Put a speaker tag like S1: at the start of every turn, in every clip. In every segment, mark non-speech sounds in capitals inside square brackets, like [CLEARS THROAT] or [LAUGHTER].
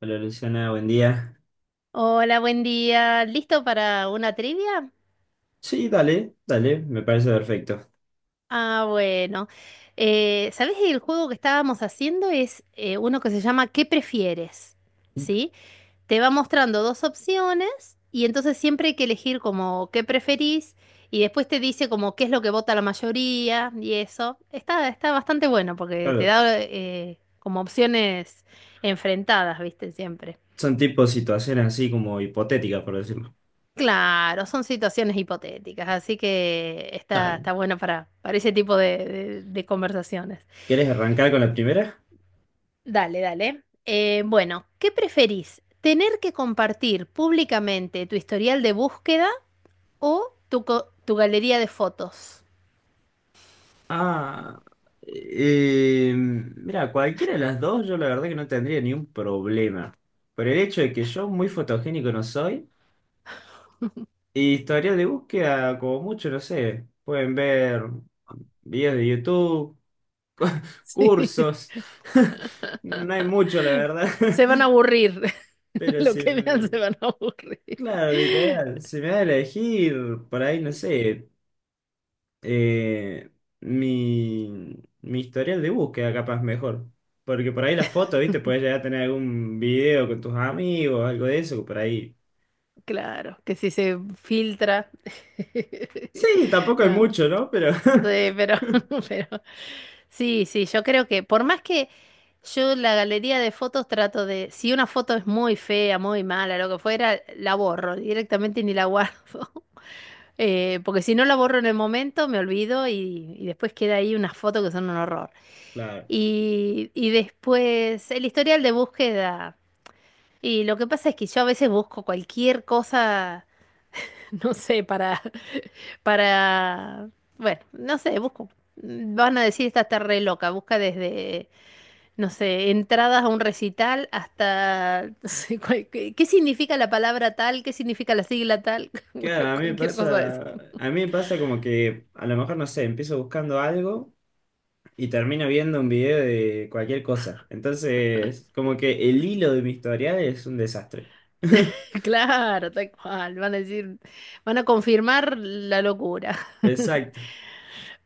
S1: Hola Luciana, buen día.
S2: Hola, buen día. ¿Listo para una trivia?
S1: Sí, dale, dale, me parece perfecto.
S2: Ah, bueno. ¿Sabés que el juego que estábamos haciendo es uno que se llama ¿Qué prefieres? ¿Sí? Te va mostrando dos opciones y entonces siempre hay que elegir como qué preferís y después te dice como qué es lo que vota la mayoría y eso. Está bastante bueno porque te
S1: Claro,
S2: da como opciones enfrentadas, ¿viste? Siempre.
S1: son tipo situaciones así como hipotéticas, por decirlo.
S2: Claro, son situaciones hipotéticas, así que está,
S1: Dale.
S2: está bueno para ese tipo de conversaciones.
S1: ¿Quieres arrancar con la primera?
S2: Dale, dale. Bueno, ¿qué preferís? ¿Tener que compartir públicamente tu historial de búsqueda o tu galería de fotos? [LAUGHS]
S1: Ah, mira, cualquiera de las dos yo la verdad que no tendría ni un problema. Por el hecho de que yo muy fotogénico no soy, y historial de búsqueda como mucho, no sé, pueden ver videos de YouTube, cu- [LAUGHS]
S2: Sí.
S1: cursos, [LAUGHS] no hay mucho la verdad.
S2: Se van a
S1: [LAUGHS]
S2: aburrir. [LAUGHS]
S1: Pero
S2: Lo
S1: sí.
S2: que vean se van a aburrir.
S1: Claro, literal.
S2: [LAUGHS]
S1: Si me da a elegir, por ahí, no sé, eh, mi historial de búsqueda capaz mejor. Porque por ahí la foto, ¿viste? Puedes llegar a tener algún video con tus amigos, algo de eso, por ahí.
S2: Claro, que si se filtra. [LAUGHS]
S1: Sí, tampoco hay
S2: No.
S1: mucho, ¿no? Pero, [LAUGHS]
S2: Sí, pero, [LAUGHS] pero sí, sí, yo creo que por más que yo la galería de fotos trato de, si una foto es muy fea, muy mala, lo que fuera, la borro directamente y ni la guardo. [LAUGHS] Porque si no la borro en el momento, me olvido y después queda ahí unas fotos que son un horror.
S1: claro.
S2: Y después el historial de búsqueda. Y lo que pasa es que yo a veces busco cualquier cosa, [LAUGHS] no sé, para, bueno, no sé, busco. Van a decir, esta está re loca, busca desde, no sé, entradas a un recital hasta, [LAUGHS] no sé, qué, qué significa la palabra tal, qué significa la sigla tal, [LAUGHS]
S1: Claro,
S2: bueno,
S1: a mí me
S2: cualquier cosa de esa.
S1: pasa, a mí me pasa como que a lo mejor, no sé, empiezo buscando algo y termino viendo un video de cualquier cosa. Entonces, como que el hilo de mi historial es un desastre. [LAUGHS]
S2: [LAUGHS] Claro, tal cual, van a decir, van a confirmar la locura. [LAUGHS]
S1: Exacto.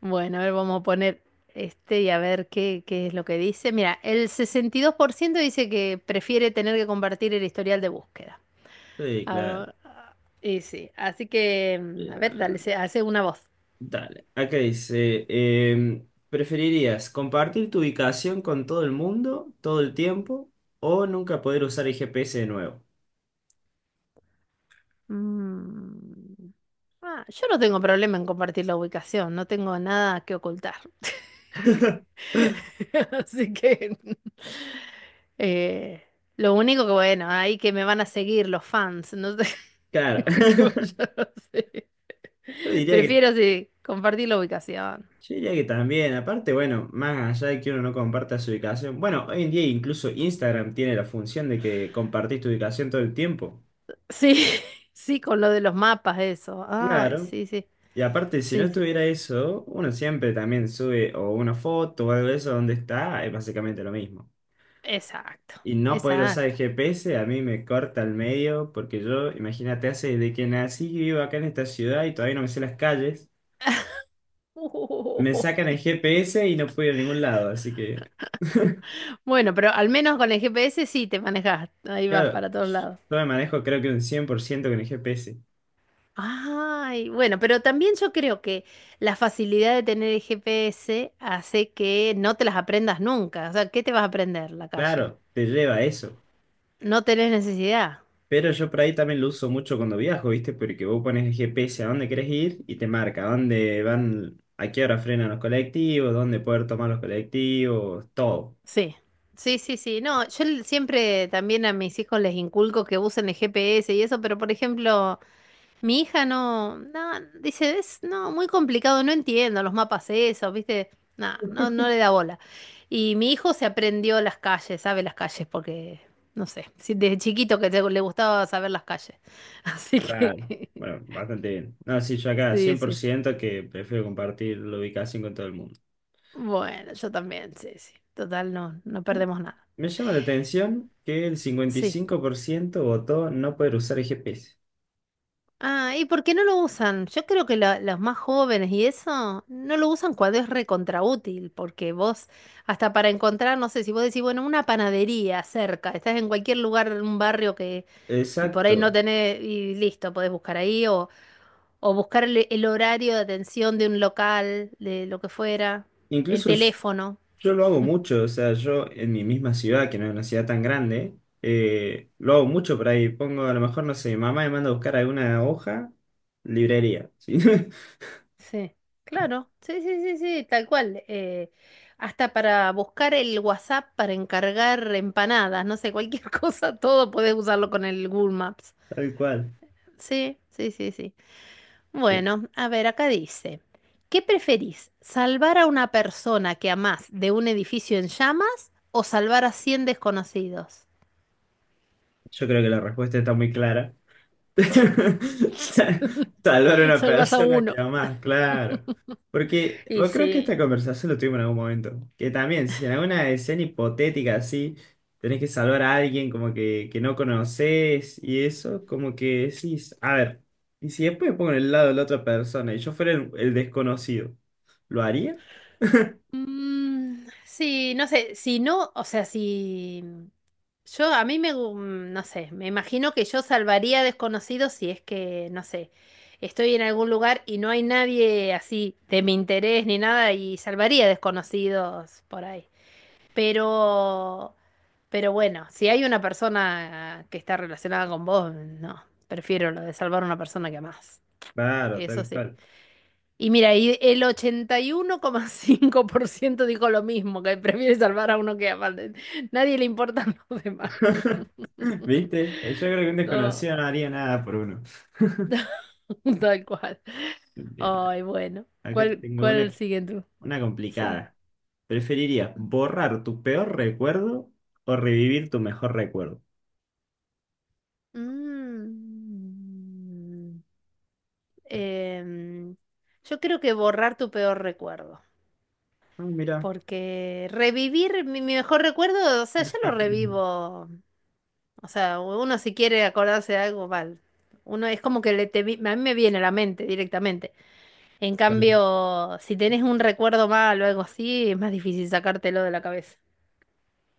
S2: Bueno, a ver, vamos a poner este y a ver qué, qué es lo que dice. Mira, el 62% dice que prefiere tener que compartir el historial de búsqueda.
S1: Sí,
S2: Ah,
S1: claro.
S2: ah, y sí, así que, a
S1: Bien, a
S2: ver,
S1: ver,
S2: hace una voz.
S1: dale. Acá dice, ¿preferirías compartir tu ubicación con todo el mundo todo el tiempo o nunca poder usar el GPS de nuevo?
S2: Mm, ah, yo no tengo problema en compartir la ubicación, no tengo nada que ocultar. [LAUGHS] Así que, [LAUGHS] eh, lo único que, bueno, ahí que me van a seguir los fans, no sé
S1: Claro.
S2: [LAUGHS] qué
S1: [LAUGHS]
S2: vaya a hacer.
S1: Yo diría que,
S2: Prefiero, sí, compartir la ubicación.
S1: yo diría que también. Aparte, bueno, más allá de que uno no comparta su ubicación. Bueno, hoy en día incluso Instagram tiene la función de que compartís tu ubicación todo el tiempo.
S2: Sí, [LAUGHS] sí, con lo de los mapas, eso. Ay,
S1: Claro.
S2: sí, sí,
S1: Y aparte, si no
S2: sí, sí.
S1: estuviera eso, uno siempre también sube o una foto o algo de eso donde está, es básicamente lo mismo.
S2: Exacto,
S1: Y no poder usar
S2: exacto.
S1: el GPS a mí me corta al medio, porque yo, imagínate, hace desde que nací que vivo acá en esta ciudad y todavía no me sé las calles.
S2: [LAUGHS]
S1: Me sacan el
S2: Uy.
S1: GPS y no puedo ir a ningún lado, así que,
S2: Bueno, pero al menos con el GPS sí te manejas, ahí vas
S1: claro,
S2: para todos lados.
S1: yo me manejo creo que un 100% con el GPS.
S2: Ay, bueno, pero también yo creo que la facilidad de tener el GPS hace que no te las aprendas nunca. O sea, ¿qué te vas a aprender la calle?
S1: Claro, te lleva a eso.
S2: No tenés necesidad.
S1: Pero yo por ahí también lo uso mucho cuando viajo, ¿viste? Porque vos pones el GPS a dónde querés ir y te marca dónde van, a qué hora frenan los colectivos, dónde poder tomar los colectivos, todo.
S2: Sí, sí, sí, sí. No, yo siempre también a mis hijos les inculco que usen el GPS y eso, pero por ejemplo... Mi hija no, no, dice, es no, muy complicado, no entiendo los mapas esos, ¿viste? No, no, no le da bola. Y mi hijo se aprendió las calles, sabe las calles, porque, no sé, sí, desde chiquito que le gustaba saber las calles. [LAUGHS] Así
S1: Claro,
S2: que, [LAUGHS]
S1: bueno, bastante bien. No, sí, yo acá
S2: sí,
S1: cien por
S2: sí, sí.
S1: ciento que prefiero compartir la ubicación con todo el mundo.
S2: Bueno, yo también, sí, sí. Total, no, no
S1: Ya.
S2: perdemos nada.
S1: Me llama la atención que el cincuenta y
S2: Sí.
S1: cinco por ciento votó no poder usar el GPS.
S2: Ah, ¿y por qué no lo usan? Yo creo que los más jóvenes y eso no lo usan cuando es recontraútil, porque vos, hasta para encontrar, no sé, si vos decís, bueno, una panadería cerca, estás en cualquier lugar, en un barrio que por ahí no
S1: Exacto.
S2: tenés, y listo, podés buscar ahí, o buscar el horario de atención de un local, de lo que fuera, el
S1: Incluso yo,
S2: teléfono.
S1: yo lo hago mucho, o sea, yo en mi misma ciudad, que no es una ciudad tan grande, lo hago mucho por ahí. Pongo, a lo mejor, no sé, mi mamá me manda a buscar alguna hoja, librería, ¿sí? [LAUGHS]
S2: Sí, claro, sí, sí, sí, sí, tal cual. Hasta para buscar el WhatsApp para encargar empanadas, no sé, cualquier [LAUGHS] cosa, todo podés usarlo con el Google Maps.
S1: Tal cual.
S2: Sí, sí, sí, sí.
S1: Eh,
S2: Bueno, a ver, acá dice, ¿qué preferís? ¿Salvar a una persona que amás de un edificio en llamas o salvar a 100 desconocidos?
S1: Yo creo que la respuesta está muy clara. [LAUGHS] Salvar a
S2: [LAUGHS]
S1: una
S2: Salvas a
S1: persona
S2: uno.
S1: que amás, claro. Porque
S2: Y
S1: yo creo que
S2: sí.
S1: esta conversación lo tuvimos en algún momento. Que también, si en alguna escena hipotética así, tenés que salvar a alguien como que no conoces y eso, como que decís, a ver, y si después me pongo en el lado de la otra persona y yo fuera el desconocido, ¿lo haría?
S2: Sí, no sé, si no, o sea, si... Yo, a mí me, no sé, me imagino que yo salvaría desconocidos si es que, no sé, estoy en algún lugar y no hay nadie así de mi interés ni nada y salvaría desconocidos por ahí. Pero, pero bueno, si hay una persona que está relacionada con vos, no, prefiero lo de salvar a una persona que amás.
S1: Claro,
S2: Eso
S1: tal
S2: sí.
S1: cual.
S2: Y mira, y el 81,5% dijo lo mismo, que prefiere salvar a uno que ama. Nadie le importan [LAUGHS] los demás.
S1: [LAUGHS] ¿Viste? Yo creo que un
S2: No.
S1: desconocido no haría nada por uno.
S2: [LAUGHS] Tal cual.
S1: Bien,
S2: Ay, bueno.
S1: acá
S2: ¿Cuál,
S1: tengo
S2: cuál
S1: una,
S2: sigue tú?
S1: una
S2: Sí.
S1: complicada. ¿Preferirías borrar tu peor recuerdo o revivir tu mejor recuerdo?
S2: Mm. Em, yo creo que borrar tu peor recuerdo,
S1: Ah, mira.
S2: porque revivir mi mejor recuerdo, o sea,
S1: [CLEARS THROAT]
S2: ya lo revivo, o sea, uno si quiere acordarse de algo, mal, uno es como que a mí me viene a la mente directamente. En
S1: Claro.
S2: cambio, si tenés un recuerdo mal o algo así, es más difícil sacártelo de la cabeza.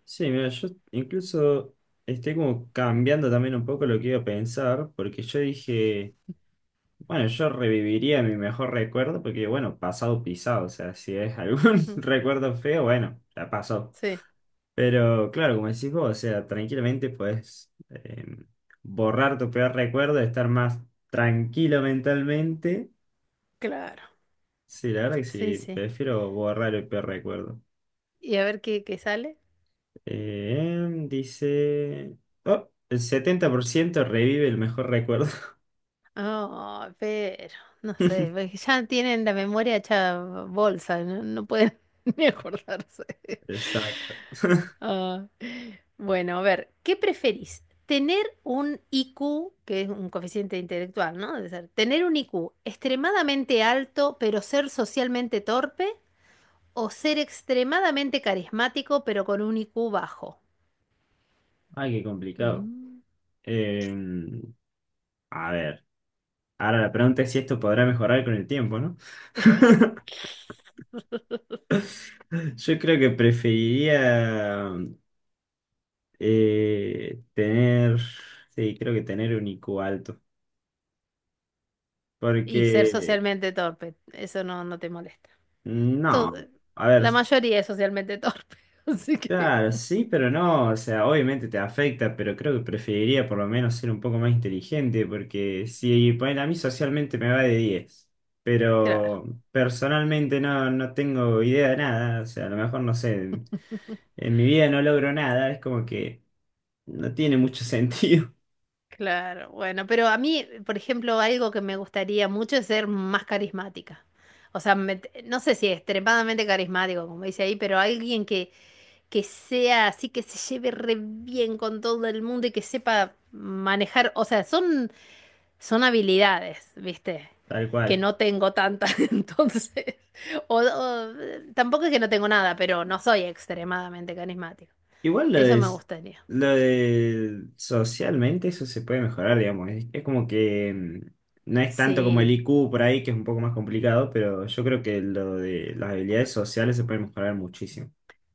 S1: Sí, mira, yo incluso estoy como cambiando también un poco lo que iba a pensar, porque yo dije, bueno, yo reviviría mi mejor recuerdo, porque bueno, pasado pisado, o sea, si es algún [LAUGHS]
S2: Ujú.
S1: recuerdo feo, bueno, ya pasó.
S2: Sí,
S1: Pero claro, como decís vos, o sea, tranquilamente puedes borrar tu peor recuerdo, estar más tranquilo mentalmente.
S2: claro,
S1: Sí, la verdad que
S2: sí,
S1: sí,
S2: sí.
S1: prefiero borrar el peor recuerdo.
S2: Y a ver qué, qué sale.
S1: Dice... Oh, el 70% revive el mejor recuerdo. [LAUGHS]
S2: Oh, pero, no sé, porque ya tienen la memoria hecha bolsa, no, no pueden [LAUGHS] ni acordarse.
S1: Exacto.
S2: Ah, bueno, a ver, ¿qué preferís? ¿Tener un IQ, que es un coeficiente intelectual, ¿no? Debe ser, tener un IQ extremadamente alto, pero ser socialmente torpe, o ser extremadamente carismático, pero con un IQ bajo?
S1: Ay, qué complicado.
S2: Mm.
S1: Eh, a ver, ahora la pregunta es si esto podrá mejorar con el tiempo, ¿no?
S2: [LAUGHS]
S1: [LAUGHS] Yo creo que preferiría eh, tener, sí, creo que tener un IQ alto,
S2: Y ser
S1: porque
S2: socialmente torpe, eso no, no te molesta. todo-
S1: no, a ver.
S2: la mayoría es socialmente torpe, [LAUGHS] así que,
S1: Claro, sí, pero no, o sea, obviamente te afecta, pero creo que preferiría por lo menos ser un poco más inteligente, porque si ponen a mí socialmente me va de diez,
S2: claro,
S1: pero personalmente no, no tengo idea de nada, o sea, a lo mejor no sé,
S2: [LAUGHS]
S1: en mi vida no logro nada, es como que no tiene mucho [LAUGHS] sentido,
S2: claro, bueno, pero a mí, por ejemplo, algo que me gustaría mucho es ser más carismática. O sea, no sé si extremadamente carismático, como dice ahí, pero alguien que sea así, que se lleve re bien con todo el mundo y que sepa manejar, o sea, son habilidades, ¿viste?
S1: tal
S2: Que
S1: cual.
S2: no tengo tantas, [LAUGHS] entonces. O, o, tampoco es que no tengo nada, pero no soy extremadamente carismático.
S1: Igual lo
S2: Eso
S1: de,
S2: me gustaría.
S1: lo de socialmente eso se puede mejorar, digamos. Es como que no es tanto como el
S2: Sí,
S1: IQ por ahí, que es un poco más complicado, pero yo creo que lo de las habilidades sociales se pueden mejorar muchísimo.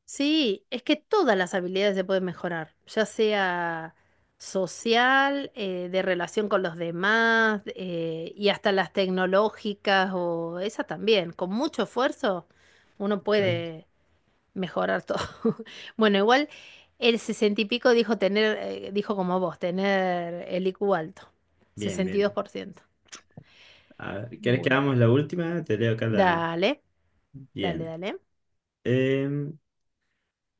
S2: sí, es que todas las habilidades se pueden mejorar, ya sea social, de relación con los demás, y hasta las tecnológicas o esas también. Con mucho esfuerzo uno
S1: Exacto.
S2: puede mejorar todo. [LAUGHS] Bueno, igual el sesenta y pico dijo tener, dijo como vos, tener el IQ alto.
S1: Bien,
S2: sesenta y
S1: bien,
S2: dos
S1: bien.
S2: por ciento
S1: A ver, ¿querés que
S2: Bueno,
S1: hagamos la última? Te leo acá la...
S2: dale, dale,
S1: Bien.
S2: dale.
S1: Em,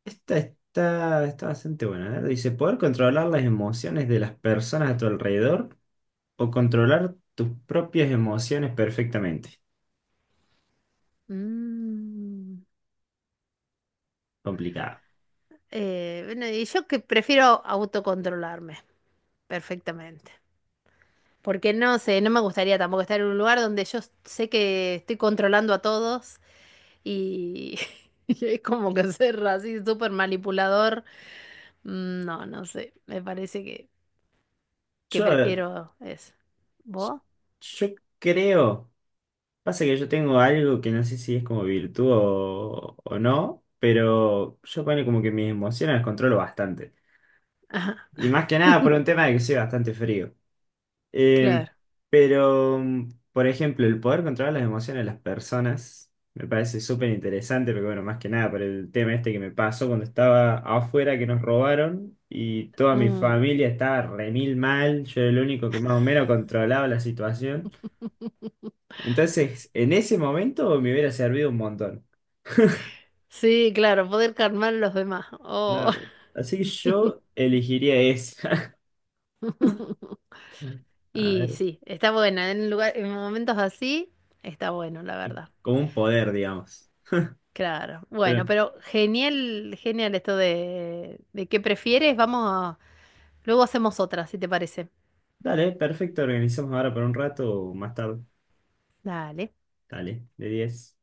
S1: esta está bastante buena. A ver, dice, poder controlar las emociones de las personas a tu alrededor o controlar tus propias emociones perfectamente.
S2: Mm,
S1: Complicado.
S2: bueno, y yo que prefiero autocontrolarme perfectamente. Porque no sé, no me gustaría tampoco estar en un lugar donde yo sé que estoy controlando a todos y, [LAUGHS] y es como que ser así súper manipulador. No, no sé, me parece que
S1: Yo, a ver,
S2: prefiero es. ¿Vos?
S1: Yo creo, pasa que yo tengo algo que no sé si es como virtud o no, pero yo pone como que mis emociones las controlo bastante.
S2: Ajá.
S1: Y más que nada por
S2: [LAUGHS]
S1: un tema de que soy bastante frío. Eh,
S2: Claro.
S1: pero, por ejemplo, el poder controlar las emociones de las personas me parece súper interesante, porque bueno, más que nada por el tema este que me pasó cuando estaba afuera que nos robaron y toda mi
S2: Mm.
S1: familia estaba re mil mal, yo era el único que más o menos controlaba la situación. Entonces, en ese momento me hubiera servido un montón.
S2: Sí, claro, poder calmar a los demás. Oh.
S1: Claro. Así que yo elegiría esa. [LAUGHS]
S2: [LAUGHS]
S1: A
S2: Y
S1: ver,
S2: sí, está buena. En lugar, en momentos así, está bueno, la verdad.
S1: como un poder, digamos.
S2: Claro. Bueno,
S1: Pero,
S2: pero genial, genial esto de qué prefieres. Luego hacemos otra, si te parece.
S1: dale, perfecto, organizamos ahora por un rato o más tarde.
S2: Dale.
S1: Dale, de 10.